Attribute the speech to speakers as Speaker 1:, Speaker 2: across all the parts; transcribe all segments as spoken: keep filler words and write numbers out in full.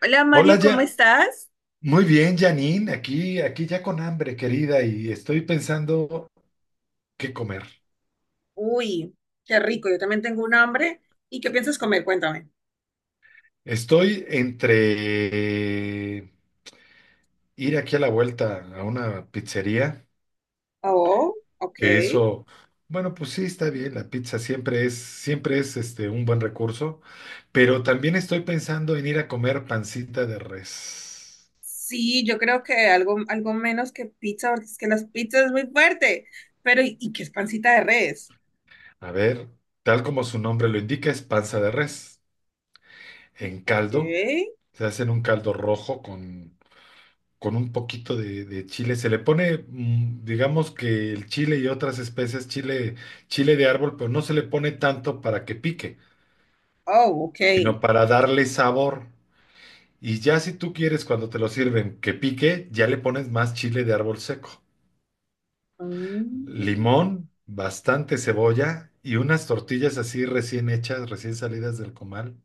Speaker 1: Hola Mario,
Speaker 2: Hola,
Speaker 1: ¿cómo
Speaker 2: ya.
Speaker 1: estás?
Speaker 2: Muy bien, Janine. Aquí, aquí ya con hambre, querida, y estoy pensando qué comer.
Speaker 1: Uy, qué rico, yo también tengo un hambre. ¿Y qué piensas comer? Cuéntame.
Speaker 2: Estoy entre ir aquí a la vuelta a una pizzería,
Speaker 1: Oh, ok.
Speaker 2: que eso, bueno, pues sí, está bien. La pizza siempre es, siempre es este, un buen recurso, pero también estoy pensando en ir a comer pancita de res.
Speaker 1: Sí, yo creo que algo, algo menos que pizza, porque es que las pizzas es muy fuerte. Pero, ¿y, y qué es pancita de res?
Speaker 2: A ver, tal como su nombre lo indica, es panza de res en caldo.
Speaker 1: ¿Qué?
Speaker 2: Se hacen un caldo rojo con con un poquito de, de chile. Se le pone, mm, digamos que el chile y otras especies, chile, chile de árbol, pero no se le pone tanto para que pique,
Speaker 1: Oh, ok.
Speaker 2: sino para darle sabor. Y ya si tú quieres cuando te lo sirven que pique, ya le pones más chile de árbol seco.
Speaker 1: Mm,
Speaker 2: Limón, bastante cebolla y unas tortillas así recién hechas, recién salidas del comal.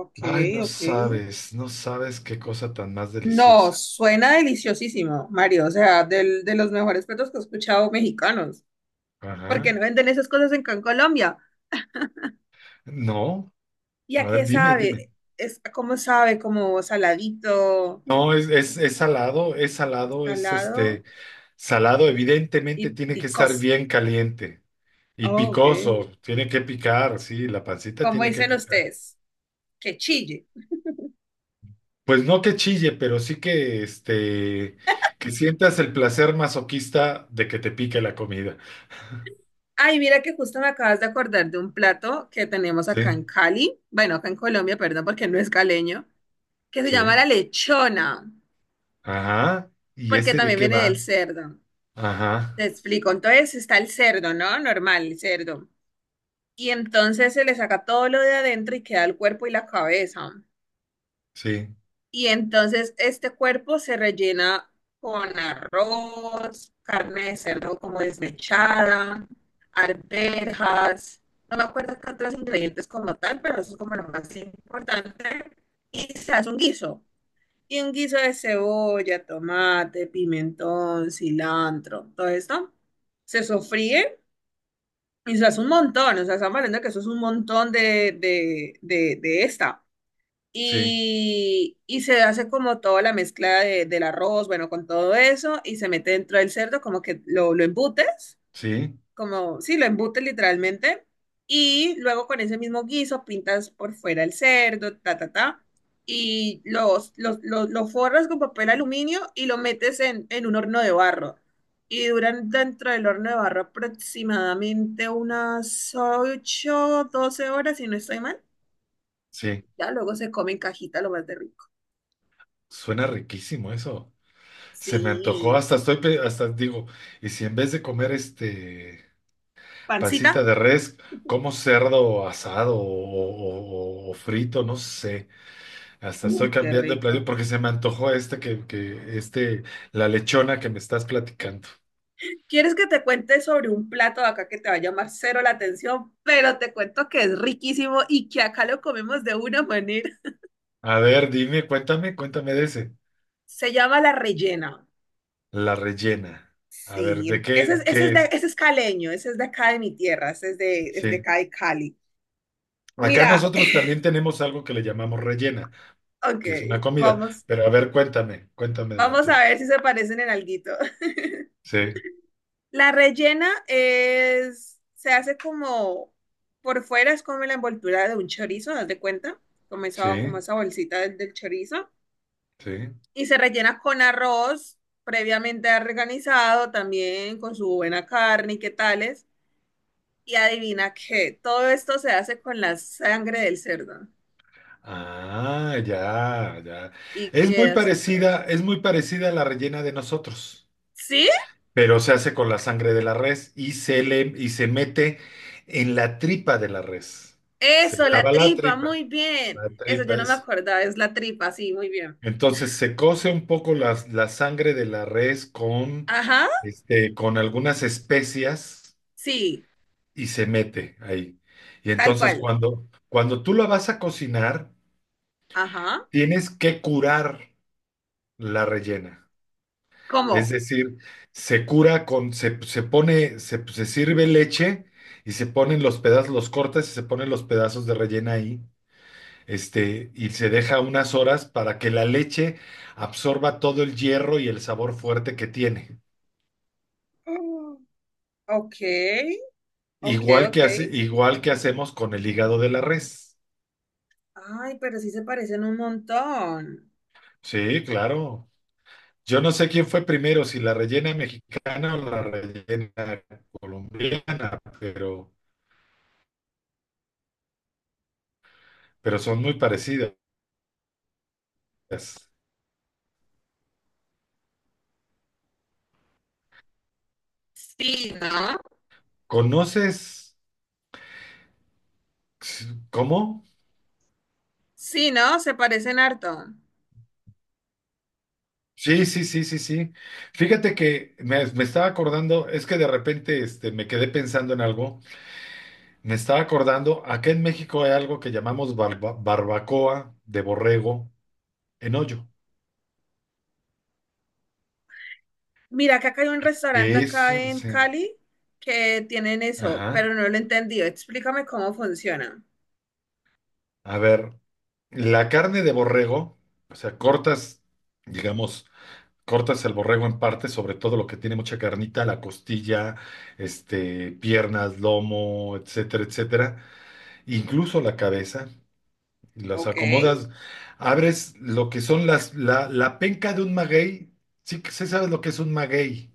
Speaker 1: ok,
Speaker 2: Ay, no
Speaker 1: ok.
Speaker 2: sabes, no sabes qué cosa tan más
Speaker 1: No,
Speaker 2: deliciosa.
Speaker 1: suena deliciosísimo, Mario. O sea, del- de los mejores platos que he escuchado mexicanos. ¿Por qué
Speaker 2: Ajá.
Speaker 1: no venden esas cosas en en Colombia?
Speaker 2: No,
Speaker 1: ¿Y a
Speaker 2: a ver,
Speaker 1: qué
Speaker 2: dime, dime.
Speaker 1: sabe? Es, ¿cómo sabe? Como saladito,
Speaker 2: No, es, es, es salado, es salado, es
Speaker 1: salado
Speaker 2: este salado,
Speaker 1: y
Speaker 2: evidentemente tiene que estar
Speaker 1: picoso.
Speaker 2: bien caliente y
Speaker 1: Oh, ok.
Speaker 2: picoso, tiene que picar, sí, la pancita
Speaker 1: Como
Speaker 2: tiene que
Speaker 1: dicen
Speaker 2: picar.
Speaker 1: ustedes, que chille.
Speaker 2: Pues no que chille, pero sí que este que sientas el placer masoquista de que te pique la comida.
Speaker 1: Ay, mira que justo me acabas de acordar de un plato que tenemos acá
Speaker 2: Sí,
Speaker 1: en Cali, bueno, acá en Colombia, perdón, porque no es caleño, que se llama
Speaker 2: sí.
Speaker 1: la lechona,
Speaker 2: Ajá. ¿Y
Speaker 1: porque
Speaker 2: ese de
Speaker 1: también
Speaker 2: qué
Speaker 1: viene
Speaker 2: va?
Speaker 1: del cerdo. Te
Speaker 2: Ajá.
Speaker 1: explico. Entonces está el cerdo, ¿no? Normal, el cerdo. Y entonces se le saca todo lo de adentro y queda el cuerpo y la cabeza.
Speaker 2: Sí,
Speaker 1: Y entonces este cuerpo se rellena con arroz, carne de cerdo como desmechada, arvejas, no me acuerdo qué otros ingredientes como tal, pero eso es como lo más importante. Y se hace un guiso. Y un guiso de cebolla, tomate, pimentón, cilantro, todo esto. Se sofríe y se hace un montón. O sea, estamos hablando que eso es un montón de, de, de, de esta
Speaker 2: sí,
Speaker 1: y, y se hace como toda la mezcla de- del arroz, bueno, con todo eso, y se mete dentro del cerdo, como que lo, lo embutes,
Speaker 2: sí,
Speaker 1: como, sí, lo embutes literalmente, y luego con ese mismo guiso pintas por fuera el cerdo, ta, ta, ta, y los, los, los- lo forras con papel aluminio y lo metes en, en un horno de barro. Y duran dentro del horno de barro aproximadamente unas ocho doce horas, si no estoy mal.
Speaker 2: sí.
Speaker 1: Ya luego se come en cajita lo más de rico.
Speaker 2: Suena riquísimo eso. Se me antojó,
Speaker 1: Sí,
Speaker 2: hasta estoy, pe- hasta digo, y si en vez de comer este pancita
Speaker 1: pancita.
Speaker 2: de res, como cerdo asado o, o- o frito, no sé, hasta estoy
Speaker 1: Uy, qué
Speaker 2: cambiando de platillo
Speaker 1: rico.
Speaker 2: porque se me antojó este que, que este, la lechona que me estás platicando.
Speaker 1: ¿Quieres que te cuente sobre un plato de acá que te va a llamar cero la atención? Pero te cuento que es riquísimo y que acá lo comemos de una manera.
Speaker 2: A ver, dime, cuéntame, cuéntame de ese.
Speaker 1: Se llama la rellena.
Speaker 2: La rellena. A ver, ¿de
Speaker 1: Sí, ese es,
Speaker 2: qué,
Speaker 1: ese es,
Speaker 2: qué
Speaker 1: de,
Speaker 2: es?
Speaker 1: ese es caleño, ese es de acá de mi tierra, ese es de, es de
Speaker 2: Sí.
Speaker 1: acá de Cali.
Speaker 2: Acá
Speaker 1: Mira,
Speaker 2: nosotros también tenemos algo que le llamamos rellena,
Speaker 1: ok,
Speaker 2: que es una comida,
Speaker 1: vamos,
Speaker 2: pero a ver, cuéntame, cuéntame de la
Speaker 1: vamos a
Speaker 2: tuya.
Speaker 1: ver si se parecen en alguito.
Speaker 2: Sí,
Speaker 1: La rellena es, se hace como, por fuera es como la envoltura de un chorizo, haz de cuenta, como esa, como
Speaker 2: sí.
Speaker 1: esa bolsita del, del chorizo,
Speaker 2: Sí.
Speaker 1: y se rellena con arroz previamente organizado, también con su buena carne y qué tales. Y adivina qué, todo esto se hace con la sangre del cerdo.
Speaker 2: Ah, ya, ya.
Speaker 1: Y
Speaker 2: Es muy
Speaker 1: queda así.
Speaker 2: parecida, es muy parecida a la rellena de nosotros,
Speaker 1: ¿Sí?
Speaker 2: pero se hace con la sangre de la res y se le y se mete en la tripa de la res. Se
Speaker 1: Eso, la
Speaker 2: lava la
Speaker 1: tripa,
Speaker 2: tripa.
Speaker 1: muy bien.
Speaker 2: La
Speaker 1: Eso yo
Speaker 2: tripa
Speaker 1: no me
Speaker 2: es.
Speaker 1: acordaba, es la tripa, sí, muy bien.
Speaker 2: Entonces se cose un poco la, la sangre de la res con,
Speaker 1: Ajá,
Speaker 2: este, con algunas especias
Speaker 1: sí,
Speaker 2: y se mete ahí. Y
Speaker 1: tal
Speaker 2: entonces
Speaker 1: cual.
Speaker 2: cuando, cuando tú la vas a cocinar,
Speaker 1: Ajá.
Speaker 2: tienes que curar la rellena. Es
Speaker 1: ¿Cómo?
Speaker 2: decir, se cura con, se, se pone, se, se sirve leche y se ponen los pedazos, los cortas y se ponen los pedazos de rellena ahí, este, y se deja unas horas para que la leche absorba todo el hierro y el sabor fuerte que tiene.
Speaker 1: Mm. Ok, ok,
Speaker 2: Igual
Speaker 1: ok.
Speaker 2: que hace- igual que hacemos con el hígado de la res.
Speaker 1: Ay, pero sí se parecen un montón.
Speaker 2: Sí, claro. Yo no sé quién fue primero, si la rellena mexicana o la rellena colombiana, pero, pero son muy parecidas. ¿Conoces? ¿Cómo?
Speaker 1: Sí, ¿no? Se parecen harto.
Speaker 2: Sí, sí, sí, sí, sí. Fíjate que me, me estaba acordando, es que de repente este, me quedé pensando en algo. Me estaba acordando, acá en México hay algo que llamamos barba- barbacoa de borrego en hoyo.
Speaker 1: Mira que acá hay un restaurante acá
Speaker 2: Eso,
Speaker 1: en
Speaker 2: sí.
Speaker 1: Cali que tienen eso,
Speaker 2: Ajá.
Speaker 1: pero no lo he entendido. Explícame cómo funciona.
Speaker 2: A ver, la carne de borrego, o sea, cortas, digamos, cortas el borrego en partes, sobre todo lo que tiene mucha carnita, la costilla, este, piernas, lomo, etcétera, etcétera. Incluso la cabeza, las
Speaker 1: Ok.
Speaker 2: acomodas, abres lo que son las, la, la penca de un maguey. Sí, que sí sabes lo que es un maguey.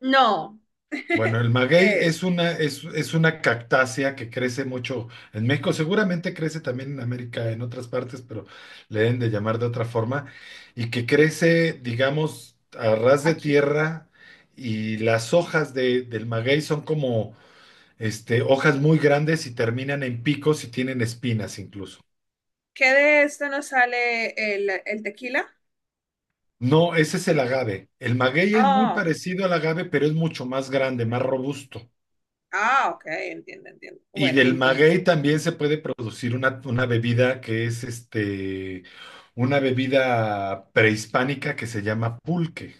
Speaker 1: No. ¿Qué
Speaker 2: Bueno, el maguey
Speaker 1: es?
Speaker 2: es una, es, es una cactácea que crece mucho en México, seguramente crece también en América, en otras partes, pero le deben de llamar de otra forma, y que crece, digamos, a ras de
Speaker 1: Aquí.
Speaker 2: tierra, y las hojas de- del maguey son como este, hojas muy grandes y terminan en picos y tienen espinas incluso.
Speaker 1: ¿Qué de esto nos sale el, el tequila?
Speaker 2: No, ese es el agave. El maguey es muy
Speaker 1: Ah,
Speaker 2: parecido al agave, pero es mucho más grande, más robusto.
Speaker 1: ah, ok, entiendo, entiendo.
Speaker 2: Y
Speaker 1: Bueno, y
Speaker 2: del
Speaker 1: entonces,
Speaker 2: maguey también se puede producir una, una bebida que es este, una bebida prehispánica que se llama pulque,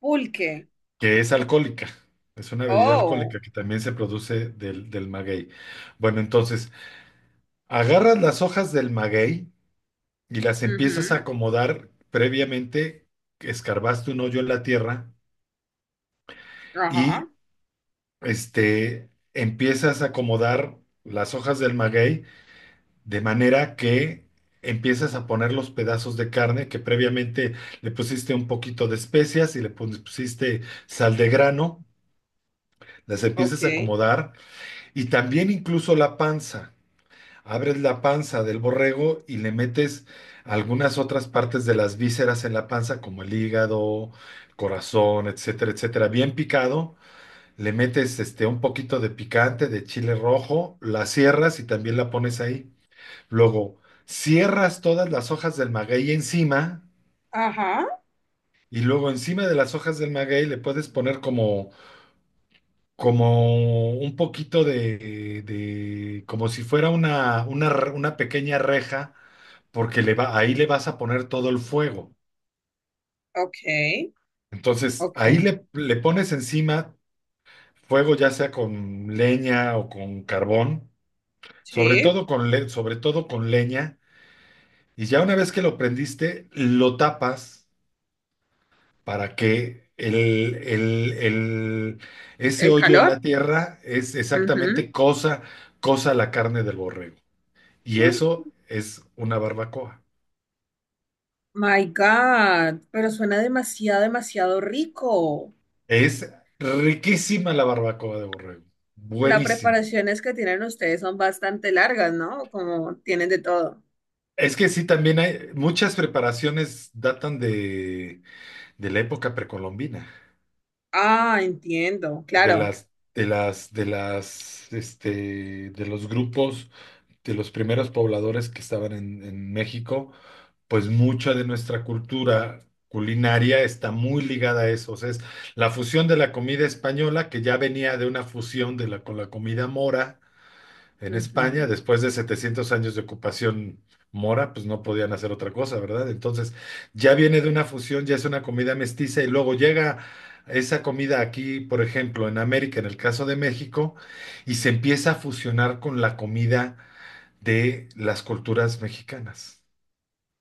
Speaker 1: pulque.
Speaker 2: que es alcohólica. Es una bebida
Speaker 1: Oh,
Speaker 2: alcohólica que también se produce del, del maguey. Bueno, entonces, agarras las hojas del maguey y las empiezas a
Speaker 1: ujú,
Speaker 2: acomodar previamente, escarbaste un hoyo en la tierra y
Speaker 1: Ajá,
Speaker 2: este, empiezas a acomodar las hojas del maguey de manera que empiezas a poner los pedazos de carne que previamente le pusiste un poquito de especias y le pus- pusiste sal de grano, las
Speaker 1: ok,
Speaker 2: empiezas a acomodar y también incluso la panza. Abres la panza del borrego y le metes algunas otras partes de las vísceras en la panza, como el hígado, corazón, etcétera, etcétera, bien picado le metes este, un poquito de picante, de chile rojo, la cierras y también la pones ahí. Luego, cierras todas las hojas del maguey encima
Speaker 1: ajá,
Speaker 2: y luego encima de las hojas del maguey le puedes poner como, como un poquito de, de- como si fuera una, una, re- una pequeña reja, porque le va, ahí le vas a poner todo el fuego.
Speaker 1: ok,
Speaker 2: Entonces,
Speaker 1: ok.
Speaker 2: ahí le, le pones encima fuego, ya sea con leña o con carbón. Sobre
Speaker 1: Sí,
Speaker 2: todo con le- sobre todo con leña, y ya una vez que lo prendiste, lo tapas para que el, el- el- ese
Speaker 1: el
Speaker 2: hoyo en la
Speaker 1: calor.
Speaker 2: tierra es
Speaker 1: Ujú.
Speaker 2: exactamente cosa, cosa la carne del borrego. Y
Speaker 1: Mm,
Speaker 2: eso es una barbacoa.
Speaker 1: My God, pero suena demasiado, demasiado rico.
Speaker 2: Es riquísima la barbacoa de borrego.
Speaker 1: Las
Speaker 2: Buenísimo.
Speaker 1: preparaciones que tienen ustedes son bastante largas, ¿no? Como tienen de todo.
Speaker 2: Es que sí, también hay muchas preparaciones datan de, de la época precolombina.
Speaker 1: Ah, entiendo,
Speaker 2: de
Speaker 1: claro.
Speaker 2: las, de las, de las, este, de los grupos, de los primeros pobladores que estaban en, en México, pues mucha de nuestra cultura culinaria está muy ligada a eso. O sea, es la fusión de la comida española, que ya venía de una fusión de la, con la comida mora en España,
Speaker 1: Ujú.
Speaker 2: después de setecientos años de ocupación mora, pues no podían hacer otra cosa, ¿verdad? Entonces, ya viene de una fusión, ya es una comida mestiza y luego llega esa comida aquí, por ejemplo, en América, en el caso de México, y se empieza a fusionar con la comida de las culturas mexicanas.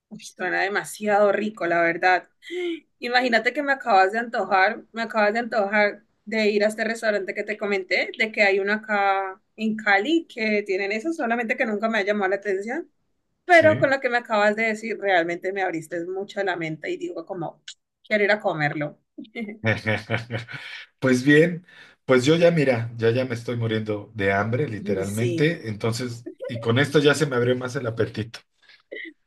Speaker 1: Uy, suena demasiado rico, la verdad. Imagínate que me acabas de antojar, me acabas de antojar de ir a este restaurante que te comenté, de que hay uno acá en Cali que tienen eso, solamente que nunca me ha llamado la atención,
Speaker 2: ¿Sí?
Speaker 1: pero con lo que me acabas de decir, realmente me abriste mucho la mente y digo como, quiero ir a comerlo.
Speaker 2: Pues bien, pues yo ya mira, ya ya me estoy muriendo de hambre,
Speaker 1: Uy, sí,
Speaker 2: literalmente, entonces, y con esto ya se me abrió más el apetito.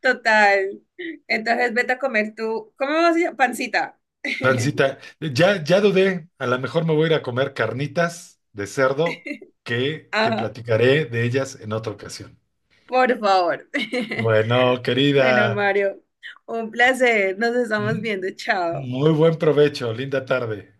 Speaker 1: total. Entonces vete a comer tú, ¿cómo vas a pancita?
Speaker 2: Francita, ya, ya dudé, a lo mejor me voy a ir a comer carnitas de cerdo que te
Speaker 1: Ajá,
Speaker 2: platicaré de ellas en otra ocasión.
Speaker 1: por favor.
Speaker 2: Bueno,
Speaker 1: Bueno,
Speaker 2: querida,
Speaker 1: Mario, un placer. Nos estamos
Speaker 2: m-
Speaker 1: viendo. Chao.
Speaker 2: muy buen provecho, linda tarde.